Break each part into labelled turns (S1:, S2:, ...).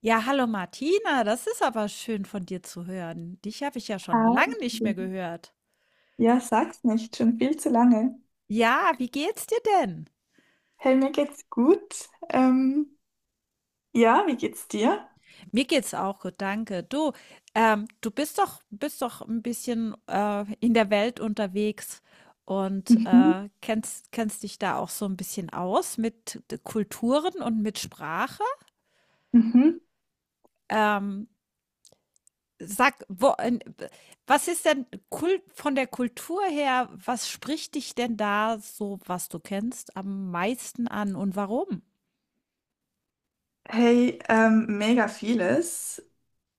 S1: Ja, hallo Martina, das ist aber schön von dir zu hören. Dich habe ich ja schon lange
S2: Hi.
S1: nicht
S2: Ja,
S1: mehr gehört.
S2: Ja, sag's nicht, schon viel zu lange.
S1: Ja, wie geht's dir denn?
S2: Hey, mir geht's gut. Ja, wie geht's dir?
S1: Mir geht's auch gut, danke. Du, du bist doch ein bisschen in der Welt unterwegs und
S2: Mhm.
S1: kennst, kennst dich da auch so ein bisschen aus mit Kulturen und mit Sprache.
S2: Mhm.
S1: Ähm, Sag, wo, en was ist denn Kul von der Kultur her, was spricht dich denn da so, was du kennst, am meisten an und warum?
S2: Hey, mega vieles.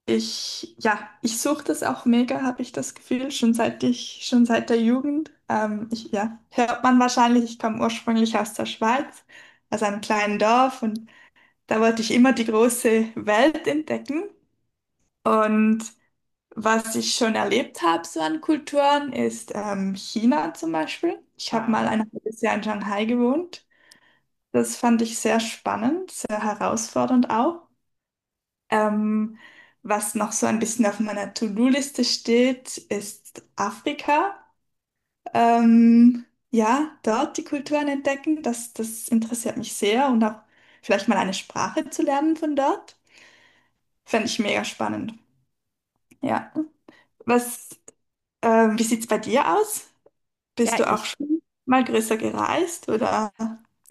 S2: Ich suche das auch mega, habe ich das Gefühl, schon seit der Jugend. Ja, hört man wahrscheinlich, ich komme ursprünglich aus der Schweiz, aus einem kleinen Dorf, und da wollte ich immer die große Welt entdecken. Und was ich schon erlebt habe, so an Kulturen, ist China zum Beispiel. Ich habe mal
S1: Wow.
S2: ein halbes Jahr in Shanghai gewohnt. Das fand ich sehr spannend, sehr herausfordernd auch. Ähm, was noch so ein bisschen auf meiner To-Do-Liste steht, ist Afrika. Ähm, ja, dort die Kulturen entdecken, das interessiert mich sehr, und auch vielleicht mal eine Sprache zu lernen von dort. Fände ich mega spannend. Ja. Was, wie sieht's bei dir aus? Bist
S1: Ja,
S2: du auch
S1: ich
S2: schon mal größer gereist oder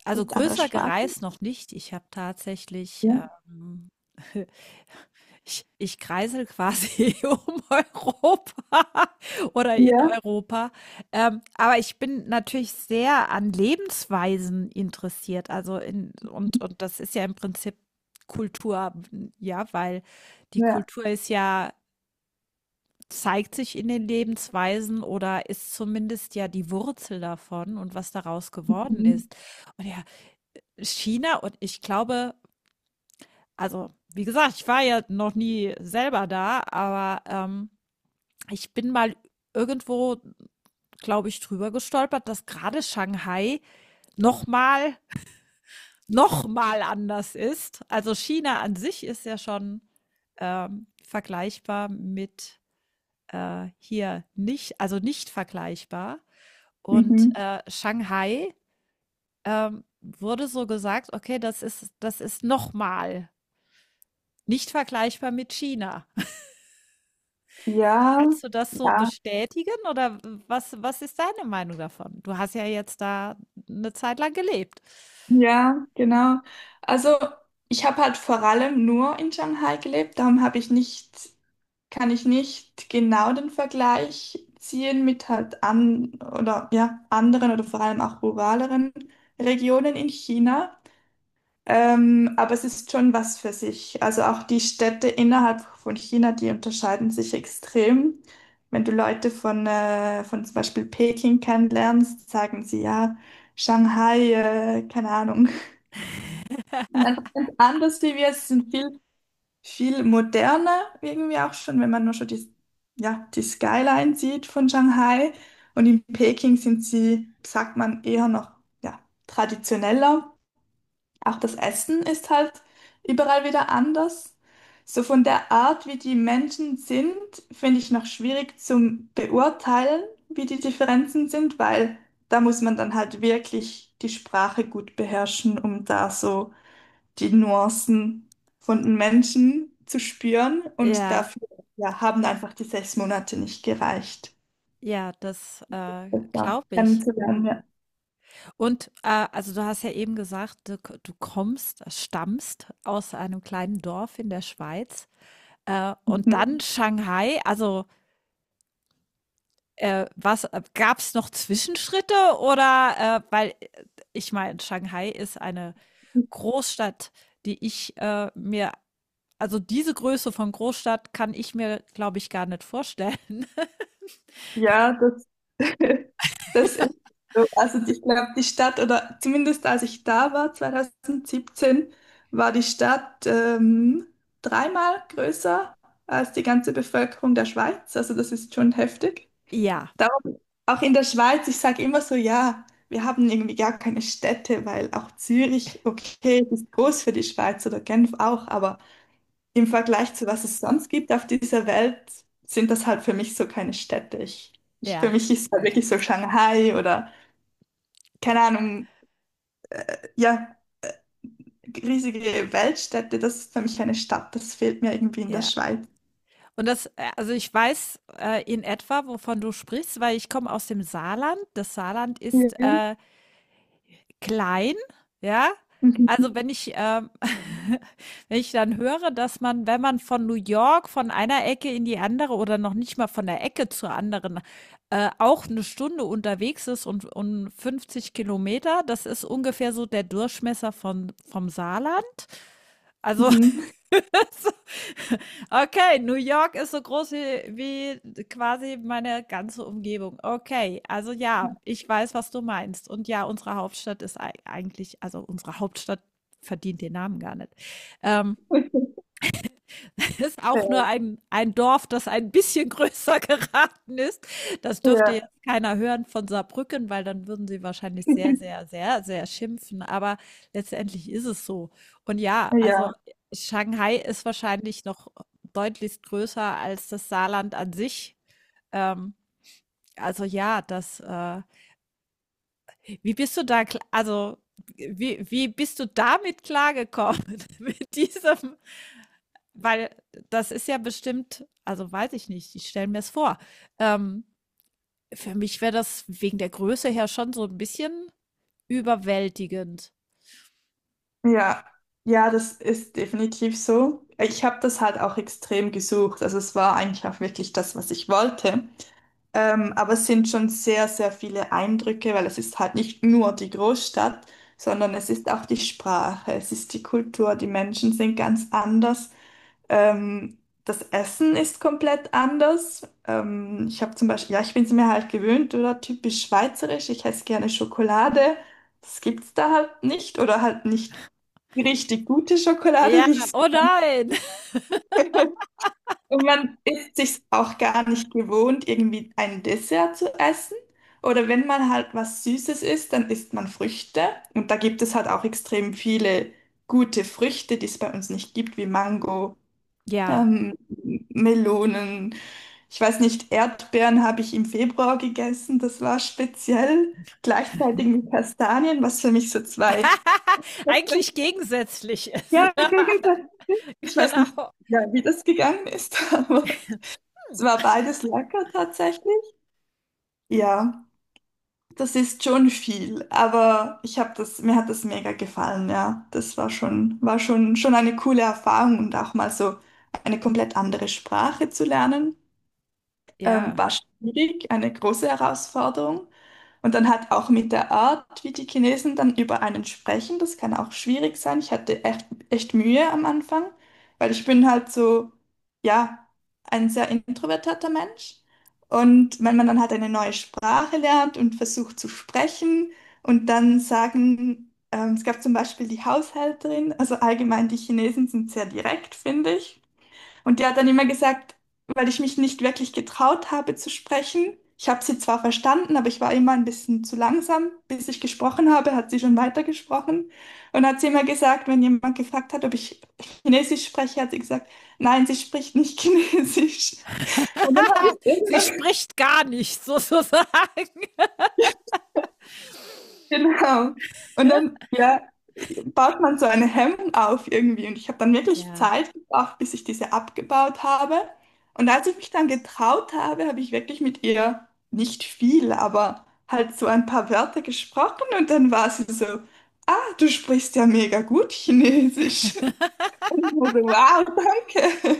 S1: also
S2: mit anderer
S1: größer
S2: Sprache?
S1: gereist noch nicht. Ich habe tatsächlich,
S2: Ja,
S1: Ich kreisel quasi um Europa oder in
S2: ja,
S1: Europa. Aber ich bin natürlich sehr an Lebensweisen interessiert. Also in, und das ist ja im Prinzip Kultur, ja, weil die
S2: ja.
S1: Kultur ist ja, zeigt sich in den Lebensweisen oder ist zumindest ja die Wurzel davon und was daraus geworden
S2: Mhm.
S1: ist. Und ja, China und ich glaube, also wie gesagt, ich war ja noch nie selber da, aber ich bin mal irgendwo, glaube ich, drüber gestolpert, dass gerade Shanghai noch mal, noch mal anders ist. Also China an sich ist ja schon vergleichbar mit hier nicht, also nicht vergleichbar. Und
S2: Mhm.
S1: Shanghai wurde so gesagt, okay, das ist noch mal nicht vergleichbar mit China.
S2: Ja,
S1: Kannst du das so
S2: ja,
S1: bestätigen oder was was ist deine Meinung davon? Du hast ja jetzt da eine Zeit lang gelebt.
S2: ja, genau. Also ich habe halt vor allem nur in Shanghai gelebt, darum habe ich nicht, kann ich nicht genau den Vergleich ziehen mit halt an oder ja, anderen oder vor allem auch ruraleren Regionen in China. Aber es ist schon was für sich. Also auch die Städte innerhalb von China, die unterscheiden sich extrem. Wenn du Leute von zum Beispiel Peking kennenlernst, sagen sie ja, Shanghai, keine Ahnung. Sind einfach ganz anders wie wir. Es sind viel, viel moderner irgendwie auch schon, wenn man nur schon ja, die Skyline sieht von Shanghai. Und in Peking sind sie, sagt man, eher noch ja, traditioneller. Auch das Essen ist halt überall wieder anders. So von der Art, wie die Menschen sind, finde ich noch schwierig zum Beurteilen, wie die Differenzen sind, weil da muss man dann halt wirklich die Sprache gut beherrschen, um da so die Nuancen von den Menschen zu spüren. Und
S1: Ja,
S2: dafür, ja, haben einfach die 6 Monate nicht gereicht.
S1: ja, das,
S2: Das war
S1: glaube
S2: dann
S1: ich.
S2: ja.
S1: Und, also, du hast ja eben gesagt, du kommst stammst aus einem kleinen Dorf in der Schweiz, und
S2: Mhm.
S1: dann Shanghai. Also, was gab es noch Zwischenschritte oder, weil, ich meine, Shanghai ist eine Großstadt, die ich, mir also, diese Größe von Großstadt kann ich mir, glaube ich, gar nicht vorstellen.
S2: Ja, das, das
S1: Ja.
S2: ist so. Also ich glaube, die Stadt, oder zumindest als ich da war, 2017, war die Stadt 3-mal größer als die ganze Bevölkerung der Schweiz. Also das ist schon heftig.
S1: Ja,
S2: Darum, auch in der Schweiz, ich sage immer so, ja, wir haben irgendwie gar keine Städte, weil auch Zürich, okay, ist groß für die Schweiz oder Genf auch, aber im Vergleich zu was es sonst gibt auf dieser Welt, sind das halt für mich so keine Städte. Für
S1: ja,
S2: mich ist halt wirklich so Shanghai oder, keine Ahnung, ja, riesige Weltstädte, das ist für mich keine Stadt. Das fehlt mir irgendwie in der
S1: ja.
S2: Schweiz.
S1: Und das also, ich weiß, in etwa, wovon du sprichst, weil ich komme aus dem Saarland. Das Saarland ist,
S2: Ja.
S1: klein, ja? Also,
S2: Mhm.
S1: wenn ich wenn ich dann höre, dass man, wenn man von New York von einer Ecke in die andere oder noch nicht mal von der Ecke zur anderen, auch eine Stunde unterwegs ist und 50 Kilometer, das ist ungefähr so der Durchmesser von vom Saarland. Also,
S2: Mhm.
S1: okay, New York ist so groß wie, wie quasi meine ganze Umgebung. Okay, also ja, ich weiß, was du meinst. Und ja, unsere Hauptstadt ist eigentlich, also unsere Hauptstadt verdient den Namen gar nicht. Ähm, ist auch nur ein Dorf, das ein bisschen größer geraten ist. Das dürfte
S2: Ja.
S1: jetzt keiner hören von Saarbrücken, weil dann würden sie wahrscheinlich sehr, sehr, sehr, sehr schimpfen. Aber letztendlich ist es so. Und ja, also
S2: Ja,
S1: Shanghai ist wahrscheinlich noch deutlich größer als das Saarland an sich. Ähm, also ja, das, wie bist du da, also wie, wie bist du damit klargekommen mit diesem? Weil das ist ja bestimmt, also weiß ich nicht, ich stelle mir es vor. Ähm, für mich wäre das wegen der Größe her schon so ein bisschen überwältigend.
S2: ja, ja, das ist definitiv so. Ich habe das halt auch extrem gesucht. Also es war eigentlich auch wirklich das, was ich wollte. Aber es sind schon sehr, sehr viele Eindrücke, weil es ist halt nicht nur die Großstadt, sondern es ist auch die Sprache, es ist die Kultur, die Menschen sind ganz anders. Ähm, das Essen ist komplett anders. Ich habe zum Beispiel, ja, ich bin es mir halt gewöhnt, oder typisch schweizerisch, ich esse gerne Schokolade. Das gibt's da halt nicht, oder halt nicht richtig gute Schokolade,
S1: Ja,
S2: wie ich
S1: oh nein.
S2: es. Und man ist sich auch gar nicht gewohnt, irgendwie ein Dessert zu essen. Oder wenn man halt was Süßes isst, dann isst man Früchte. Und da gibt es halt auch extrem viele gute Früchte, die es bei uns nicht gibt, wie Mango,
S1: Ja,
S2: ähm, Melonen. Ich weiß nicht, Erdbeeren habe ich im Februar gegessen, das war speziell. Gleichzeitig mit Kastanien, was für mich so zwei.
S1: eigentlich gegensätzlich ist.
S2: Ja,
S1: Ja,
S2: gegenseitig. Ich weiß nicht,
S1: genau.
S2: ja, wie das gegangen ist, aber. Es war beides lecker tatsächlich. Ja, das ist schon viel, aber ich habe das, mir hat das mega gefallen, ja. Das war schon, schon eine coole Erfahrung, und auch mal so eine komplett andere Sprache zu lernen,
S1: Ja,
S2: war schwierig, eine große Herausforderung. Und dann hat auch mit der Art, wie die Chinesen dann über einen sprechen, das kann auch schwierig sein. Ich hatte echt, echt Mühe am Anfang, weil ich bin halt so, ja, ein sehr introvertierter Mensch. Und wenn man dann halt eine neue Sprache lernt und versucht zu sprechen und dann sagen, es gab zum Beispiel die Haushälterin, also allgemein die Chinesen sind sehr direkt, finde ich. Und die hat dann immer gesagt, weil ich mich nicht wirklich getraut habe zu sprechen. Ich habe sie zwar verstanden, aber ich war immer ein bisschen zu langsam. Bis ich gesprochen habe, hat sie schon weitergesprochen. Und hat sie immer gesagt, wenn jemand gefragt hat, ob ich Chinesisch spreche, hat sie gesagt, nein, sie spricht nicht Chinesisch. Und dann habe ich es
S1: sie
S2: irgendwann.
S1: spricht gar nicht, sozusagen.
S2: Genau. Und dann, ja, baut man so eine Hemmung auf irgendwie. Und ich habe dann wirklich
S1: Ja.
S2: Zeit gebraucht, bis ich diese abgebaut habe. Und als ich mich dann getraut habe, habe ich wirklich mit ihr nicht viel, aber halt so ein paar Wörter gesprochen. Und dann war sie so, ah, du sprichst ja mega gut Chinesisch. Und ich war so, wow, danke.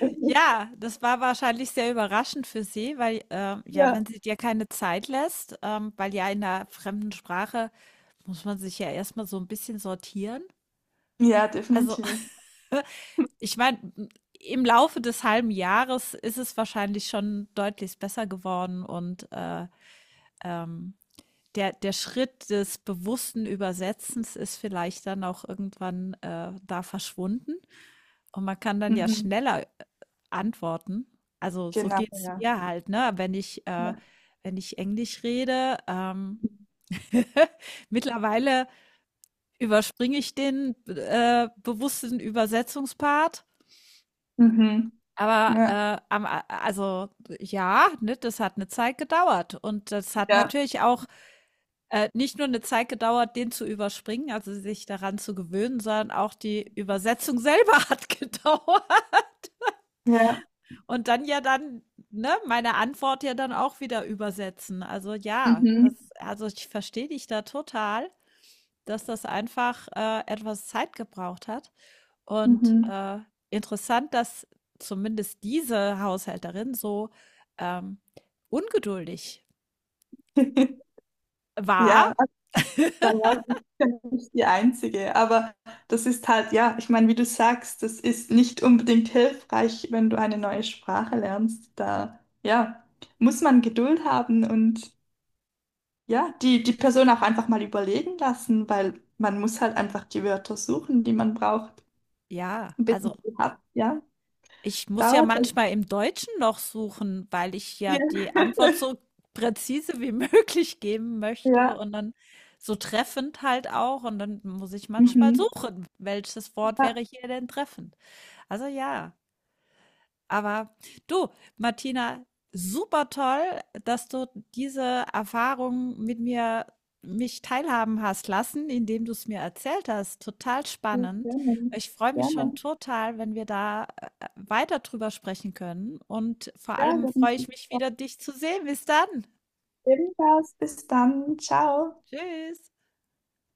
S1: Ja, das war wahrscheinlich sehr überraschend für sie, weil, ja,
S2: Ja.
S1: wenn sie dir keine Zeit lässt, weil ja in 'ner fremden Sprache muss man sich ja erst mal so ein bisschen sortieren.
S2: Ja,
S1: Also,
S2: definitiv.
S1: ich meine, im Laufe des halben Jahres ist es wahrscheinlich schon deutlich besser geworden und, ähm, der Schritt des bewussten Übersetzens ist vielleicht dann auch irgendwann, da verschwunden. Und man kann dann ja
S2: Mhm.
S1: schneller antworten. Also, so
S2: Genau,
S1: geht's
S2: ja.
S1: mir halt, ne? Wenn ich
S2: Ja.
S1: wenn ich Englisch rede, mittlerweile überspringe ich den bewussten Übersetzungspart.
S2: Mhm.
S1: Aber
S2: Ja,
S1: also ja, ne, das hat eine Zeit gedauert. Und das hat
S2: ja,
S1: natürlich auch nicht nur eine Zeit gedauert, den zu überspringen, also sich daran zu gewöhnen, sondern auch die Übersetzung selber hat gedauert.
S2: ja.
S1: Und dann ja dann, ne, meine Antwort ja dann auch wieder übersetzen. Also ja,
S2: Mhm.
S1: das also ich verstehe dich da total, dass das einfach, etwas Zeit gebraucht hat. Und,
S2: Mhm.
S1: interessant, dass zumindest diese Haushälterin so, ähm, ungeduldig war.
S2: Ja, da war ich ja nicht die Einzige. Aber das ist halt, ja, ich meine, wie du sagst, das ist nicht unbedingt hilfreich, wenn du eine neue Sprache lernst. Da, ja, muss man Geduld haben und ja, die Person auch einfach mal überlegen lassen, weil man muss halt einfach die Wörter suchen, die man braucht,
S1: Ja,
S2: bis
S1: also
S2: man sie hat. Ja,
S1: ich muss ja
S2: dauert halt.
S1: manchmal im Deutschen noch suchen, weil ich ja
S2: Ja,
S1: die Antwort so präzise wie möglich geben möchte
S2: ja.
S1: und dann so treffend halt auch. Und dann muss ich manchmal
S2: Mhm.
S1: suchen, welches Wort
S2: Ja,
S1: wäre hier denn treffend. Also ja. Aber du, Martina, super toll, dass du diese Erfahrung mit mir mich teilhaben hast lassen, indem du es mir erzählt hast. Total
S2: sehr
S1: spannend.
S2: gerne.
S1: Ich freue mich schon
S2: Gerne.
S1: total, wenn wir da weiter drüber sprechen können. Und vor
S2: Ja,
S1: allem
S2: dann
S1: freue ich mich wieder, dich zu sehen. Bis dann.
S2: ebenfalls. Bis dann. Ciao.
S1: Tschüss.